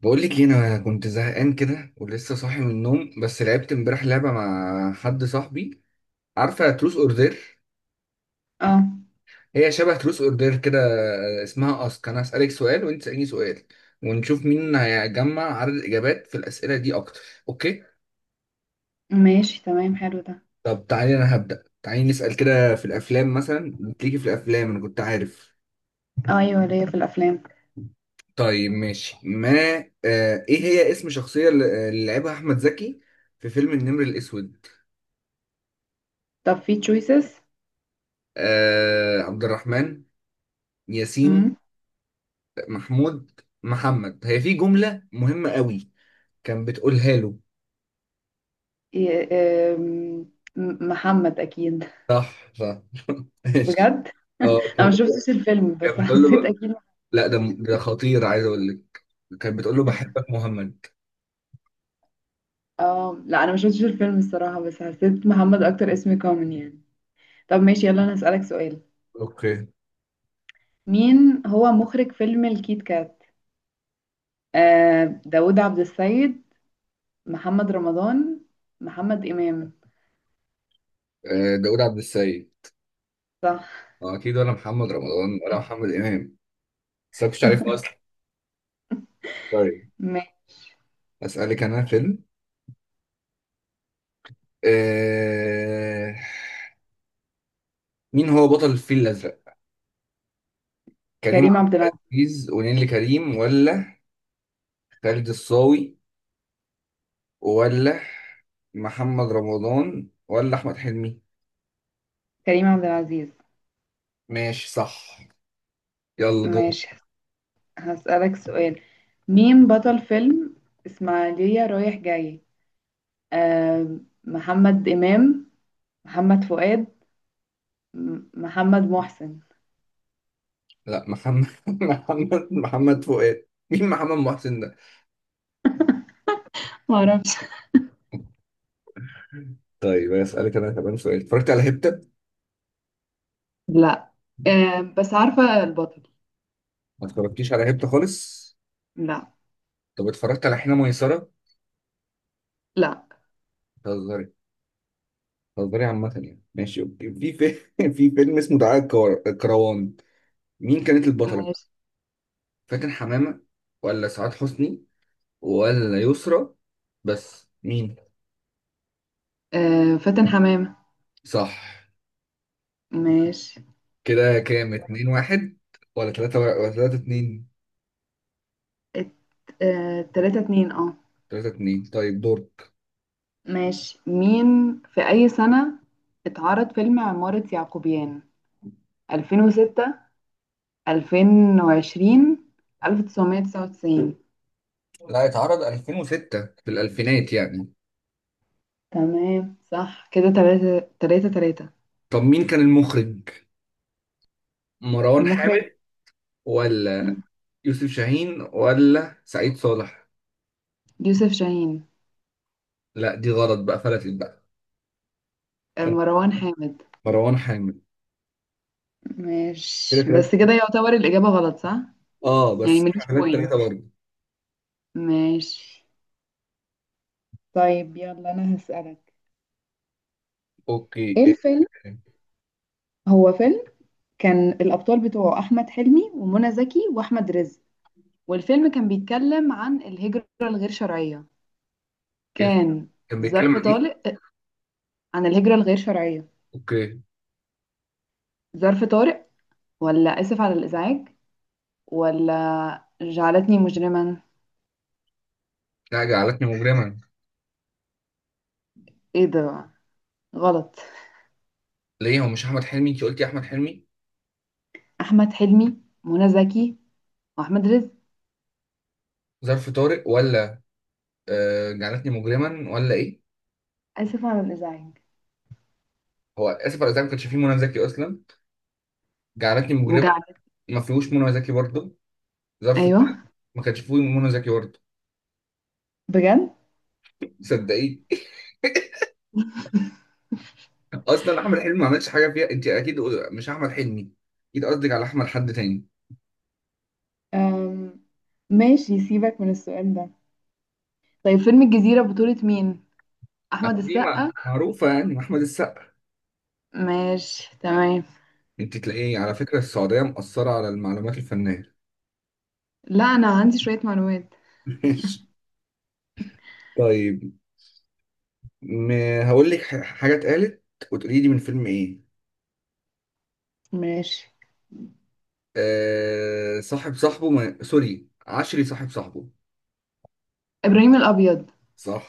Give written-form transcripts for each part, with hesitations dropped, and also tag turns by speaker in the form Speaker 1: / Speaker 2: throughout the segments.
Speaker 1: بقول لك إيه، انا كنت زهقان كده ولسه صاحي من النوم، بس لعبت امبارح لعبه مع حد صاحبي. عارفه تروس اوردر؟
Speaker 2: اه.
Speaker 1: هي شبه تروس اوردر كده. اسمها اسك، انا هسالك سؤال وانت تساليني سؤال. ونشوف مين هيجمع عدد الاجابات في الاسئله دي اكتر. اوكي.
Speaker 2: ماشي، تمام، حلو ده.
Speaker 1: طب تعالي، انا هبدا. تعالي نسال كده، في الافلام مثلا بتيجي في الافلام، انا كنت عارف.
Speaker 2: اه ايوه ليا في الافلام.
Speaker 1: طيب ماشي. ما. ايه هي اسم شخصيه اللي اللي لعبها احمد زكي في فيلم النمر الاسود؟
Speaker 2: طب في تشويسز؟
Speaker 1: عبد الرحمن ياسين، محمود محمد. هي في جملة مهمة قوي كان بتقولها له.
Speaker 2: محمد اكيد.
Speaker 1: صح صح. ماشي.
Speaker 2: بجد،
Speaker 1: اه،
Speaker 2: انا ما
Speaker 1: كان بتقول.
Speaker 2: شفتش الفيلم بس
Speaker 1: كان بتقول له
Speaker 2: حسيت اكيد.
Speaker 1: لا، ده ده خطير، عايز اقول لك. كان بتقول له بحبك مهمد.
Speaker 2: اه لا، انا ما شفتش الفيلم الصراحه بس حسيت محمد اكتر اسم كومن يعني. طب ماشي، يلا انا هسألك سؤال.
Speaker 1: اوكي.
Speaker 2: مين هو مخرج فيلم الكيت كات؟ داوود عبد السيد، محمد رمضان، محمد امام.
Speaker 1: داوود عبد السيد.
Speaker 2: صح.
Speaker 1: آه، اكيد، ولا محمد رمضان، ولا محمد امام. بس أنا كنتش عارف اصلا. طيب
Speaker 2: ماشي.
Speaker 1: اسالك انا فيلم. آه... مين هو بطل الفيل الازرق؟ كريم
Speaker 2: كريم عبد
Speaker 1: عبد
Speaker 2: العزيز.
Speaker 1: العزيز ونيلي كريم، ولا خالد الصاوي، ولا محمد رمضان، ولا احمد حلمي؟
Speaker 2: كريم عبد العزيز.
Speaker 1: ماشي صح. يلا دور.
Speaker 2: ماشي. هسألك سؤال. مين بطل فيلم إسماعيلية رايح جاي؟ آه محمد إمام، محمد فؤاد، محمد محسن.
Speaker 1: لا، محمد محمد محمد فؤاد. مين محمد محسن ده؟
Speaker 2: ما اعرفش.
Speaker 1: طيب اسالك انا كمان سؤال. اتفرجت على هبتة؟
Speaker 2: لا. بس عارفة البطل.
Speaker 1: ما اتفرجتيش على هبتة خالص؟
Speaker 2: لا.
Speaker 1: طب اتفرجت على حين ميسرة؟
Speaker 2: لا.
Speaker 1: بتهزري؟ بتهزري عامة يعني. ماشي اوكي. في في فيلم اسمه دعاء الكروان. مين كانت البطلة؟
Speaker 2: ماشي.
Speaker 1: فاتن حمامة، ولا سعاد حسني، ولا يسرا؟ بس مين؟
Speaker 2: فاتن حمامة.
Speaker 1: صح.
Speaker 2: ماشي.
Speaker 1: كده كام؟ 2-1، ولا تلاتة، ولا 3-2؟
Speaker 2: ات- تلاتة اتنين اه.
Speaker 1: 3-2. طيب دور.
Speaker 2: ماشي. مين في أي سنة اتعرض فيلم عمارة يعقوبيان؟ 2006، 2020، 1999.
Speaker 1: لا، اتعرض 2006 في الألفينات يعني.
Speaker 2: تمام، صح كده، تلاتة تلاتة تلاتة.
Speaker 1: طب مين كان المخرج؟ مروان
Speaker 2: مخرج
Speaker 1: حامد، ولا يوسف شاهين، ولا سعيد صالح؟
Speaker 2: يوسف شاهين.
Speaker 1: لا، دي غلط بقى، فلتت بقى. كان
Speaker 2: مروان حامد.
Speaker 1: مروان حامد. كده
Speaker 2: ماشي،
Speaker 1: تلاتة.
Speaker 2: بس كده يعتبر الإجابة غلط صح؟
Speaker 1: اه
Speaker 2: يعني
Speaker 1: بس
Speaker 2: ماليش
Speaker 1: احنا 3-3
Speaker 2: بوينت.
Speaker 1: برضه.
Speaker 2: ماشي. طيب يلا أنا هسألك،
Speaker 1: اوكي.
Speaker 2: إيه الفيلم؟ هو فيلم كان الأبطال بتوعه أحمد حلمي ومنى زكي وأحمد رزق، والفيلم كان بيتكلم عن الهجرة الغير شرعية.
Speaker 1: إيه-
Speaker 2: كان
Speaker 1: كان بيتكلم
Speaker 2: ظرف
Speaker 1: عن ايه؟
Speaker 2: طارق. عن الهجرة الغير شرعية.
Speaker 1: اوكي.
Speaker 2: ظرف طارق، ولا آسف على الإزعاج، ولا جعلتني مجرما.
Speaker 1: لا، جعلتني مجرما.
Speaker 2: ايه ده، غلط؟
Speaker 1: ليه؟ هو مش احمد حلمي؟ انت قلتي احمد حلمي.
Speaker 2: احمد حلمي، منى زكي، واحمد رزق.
Speaker 1: ظرف طارق، ولا جعلتني مجرما، ولا ايه؟
Speaker 2: اسف على الازعاج.
Speaker 1: هو اسف على الازعاج؟ ما كانش فيه منى زكي اصلا. جعلتني مجرما،
Speaker 2: وجعل.
Speaker 1: ما فيهوش منى زكي برضه. ظرف
Speaker 2: ايوه.
Speaker 1: طارق، ما كانش فيه منى زكي برضه.
Speaker 2: بجد.
Speaker 1: صدقيني. اصلا احمد حلمي ما عملش حاجه فيها، انت اكيد مش احمد حلمي، اكيد قصدك على احمد حد تاني.
Speaker 2: أم... ماشي سيبك من السؤال ده. طيب، فيلم الجزيرة بطولة مين؟ احمد
Speaker 1: دي
Speaker 2: السقا.
Speaker 1: معروفه يعني، احمد السقا.
Speaker 2: ماشي، تمام.
Speaker 1: انت تلاقيه على فكره السعوديه مقصره على المعلومات الفنيه.
Speaker 2: لا انا عندي شوية معلومات.
Speaker 1: ماشي. طيب ما هقول لك حاجه اتقالت، وتقولي لي من فيلم ايه.
Speaker 2: ماشي.
Speaker 1: أه، صاحب صاحبه ما... سوري، عشري صاحب صاحبه.
Speaker 2: ابراهيم الابيض.
Speaker 1: صح.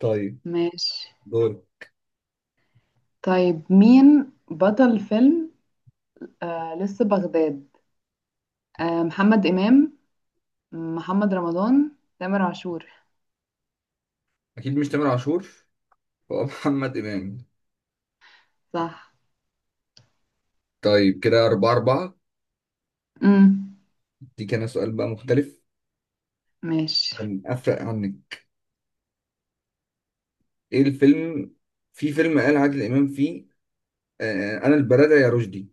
Speaker 1: طيب
Speaker 2: ماشي.
Speaker 1: دور.
Speaker 2: طيب مين بطل فيلم لسه بغداد؟ محمد امام، محمد رمضان، تامر عاشور.
Speaker 1: اكيد مش تامر عاشور، هو محمد امام.
Speaker 2: صح.
Speaker 1: طيب كده 4-4.
Speaker 2: امم
Speaker 1: دي كان سؤال بقى مختلف،
Speaker 2: ماشي.
Speaker 1: كان أفرق عنك. إيه الفيلم؟ في فيلم قال عادل إمام فيه أنا البلدة يا رشدي.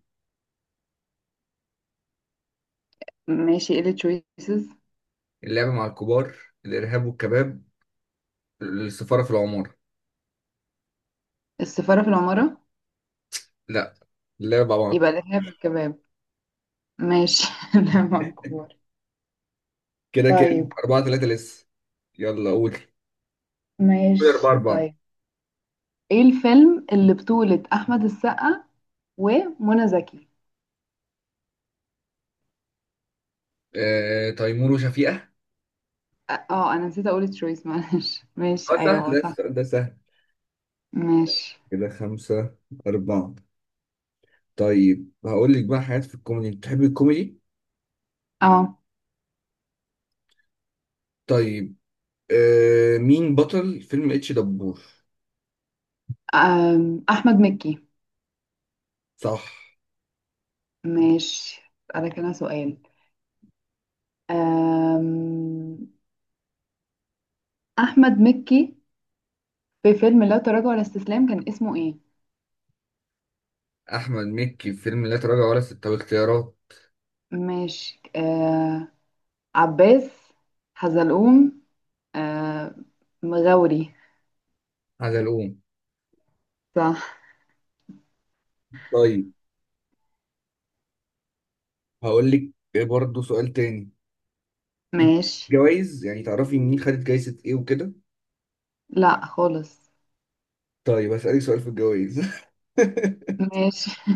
Speaker 2: ماشي، ايه التشويسز؟
Speaker 1: اللعبة مع الكبار، الإرهاب والكباب، السفارة في العمارة؟
Speaker 2: السفارة في العمارة.
Speaker 1: لا، اللعبة مع
Speaker 2: يبقى
Speaker 1: الكبار.
Speaker 2: الإرهاب والكباب. ماشي لا مذكور.
Speaker 1: كده كام؟
Speaker 2: طيب.
Speaker 1: 4-3 لسه. يلا قول. قول أربعة
Speaker 2: ماشي
Speaker 1: أربعة
Speaker 2: طيب. ايه الفيلم اللي بطولة أحمد السقا ومنى زكي؟
Speaker 1: تيمور وشفيقة.
Speaker 2: اه انا نسيت اقول تشويس، معلش.
Speaker 1: أه
Speaker 2: ماشي، ايوه
Speaker 1: سهل
Speaker 2: هو
Speaker 1: ده،
Speaker 2: صح.
Speaker 1: السؤال ده سهل.
Speaker 2: ماشي.
Speaker 1: كده 5-4. طيب هقول لك بقى حاجات في الكوميدي، بتحبي الكوميدي؟
Speaker 2: اه.
Speaker 1: طيب. مين بطل فيلم اتش دبور؟
Speaker 2: احمد مكي.
Speaker 1: صح.
Speaker 2: ماشي. اسالك انا سؤال. أم، احمد مكي في فيلم لا تراجع ولا استسلام كان اسمه ايه؟
Speaker 1: احمد مكي في فيلم لا تراجع ولا استسلام، اختيارات.
Speaker 2: ماشي. عباس، حزلقوم، آه مغاوري.
Speaker 1: حزلقوم.
Speaker 2: صح.
Speaker 1: طيب هقول لك برضه سؤال تاني. انت
Speaker 2: ماشي.
Speaker 1: جوائز يعني، تعرفي مين خدت جايزة ايه وكده؟
Speaker 2: لا خالص.
Speaker 1: طيب هسألك سؤال في الجوائز.
Speaker 2: ماشي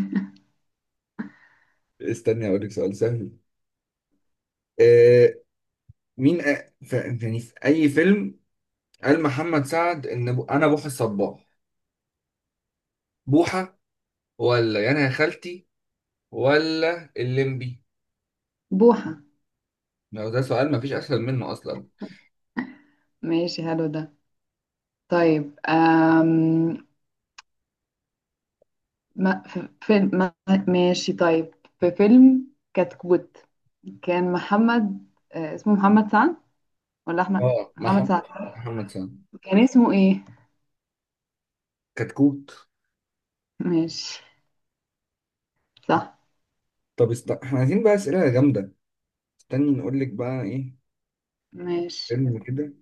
Speaker 1: استني هقول لك سؤال سهل. آه، مين يعني في اي فيلم قال محمد سعد ان انا بوحة الصباح؟ بوحة، ولا يا انا يا خالتي، ولا الليمبي؟
Speaker 2: بوحة.
Speaker 1: لو ده سؤال مفيش اسهل منه اصلا.
Speaker 2: ماشي، حلو ده. طيب آم، ما في فيلم ما. ماشي، طيب في فيلم كتكوت كان محمد اسمه محمد سعد ولا أحمد
Speaker 1: اه
Speaker 2: محمد
Speaker 1: محمد،
Speaker 2: سعد؟
Speaker 1: محمد سامي.
Speaker 2: كان اسمه ايه؟
Speaker 1: كتكوت.
Speaker 2: ماشي. صح.
Speaker 1: طب احنا عايزين بقى اسئله جامده. استني نقول لك بقى ايه.
Speaker 2: ماشي.
Speaker 1: فيلم كده،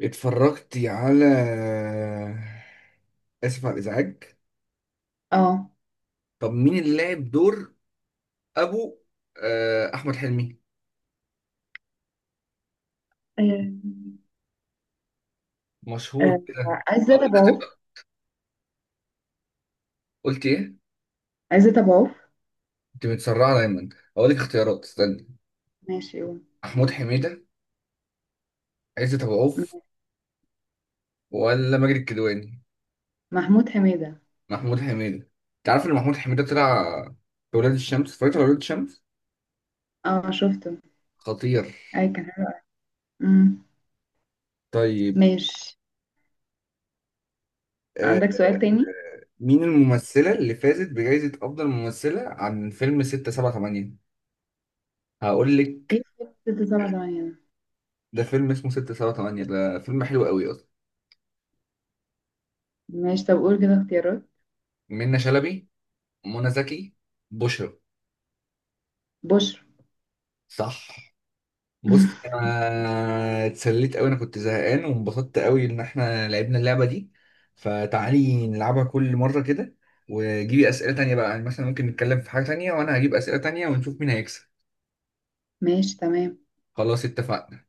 Speaker 1: اتفرجتي على اسف على الازعاج؟
Speaker 2: اه
Speaker 1: طب مين اللي لعب دور ابو؟ احمد حلمي
Speaker 2: آه،
Speaker 1: مشهور كده.
Speaker 2: عزت
Speaker 1: هقول لك
Speaker 2: أبو عوف.
Speaker 1: اختيارات. قلت ايه؟
Speaker 2: عزت أبو عوف.
Speaker 1: انت متسرعه دايما. هقول لك اختيارات، استني.
Speaker 2: ماشي قول.
Speaker 1: محمود حميده، عزت ابو عوف،
Speaker 2: م-
Speaker 1: ولا ماجد الكدواني؟
Speaker 2: محمود حميدة.
Speaker 1: محمود حميده. انت عارف ان محمود حميده طلع في ولاد الشمس؟ اتفرجت على ولاد الشمس؟
Speaker 2: اه شفته.
Speaker 1: خطير.
Speaker 2: اي كان حلو. أمم،
Speaker 1: طيب.
Speaker 2: ماشي.
Speaker 1: آه،
Speaker 2: عندك سؤال تاني؟
Speaker 1: مين الممثلة اللي فازت بجائزة أفضل ممثلة عن فيلم 678؟ هقول
Speaker 2: ايه
Speaker 1: لك.
Speaker 2: في ستة سبعة تمانية ده؟
Speaker 1: ده فيلم اسمه 678، ده فيلم حلو قوي أصلا.
Speaker 2: ماشي، طب قول كده اختيارات.
Speaker 1: منة شلبي، منى زكي، بشرى؟
Speaker 2: بشر.
Speaker 1: صح. بص، أنا اتسليت قوي، أنا كنت زهقان وانبسطت قوي إن إحنا لعبنا اللعبة دي. فتعالي نلعبها كل مرة كده. وجيبي أسئلة تانية بقى، يعني مثلا ممكن نتكلم في حاجة تانية وأنا هجيب أسئلة تانية ونشوف مين هيكسب.
Speaker 2: ماشي تمام.
Speaker 1: خلاص، اتفقنا.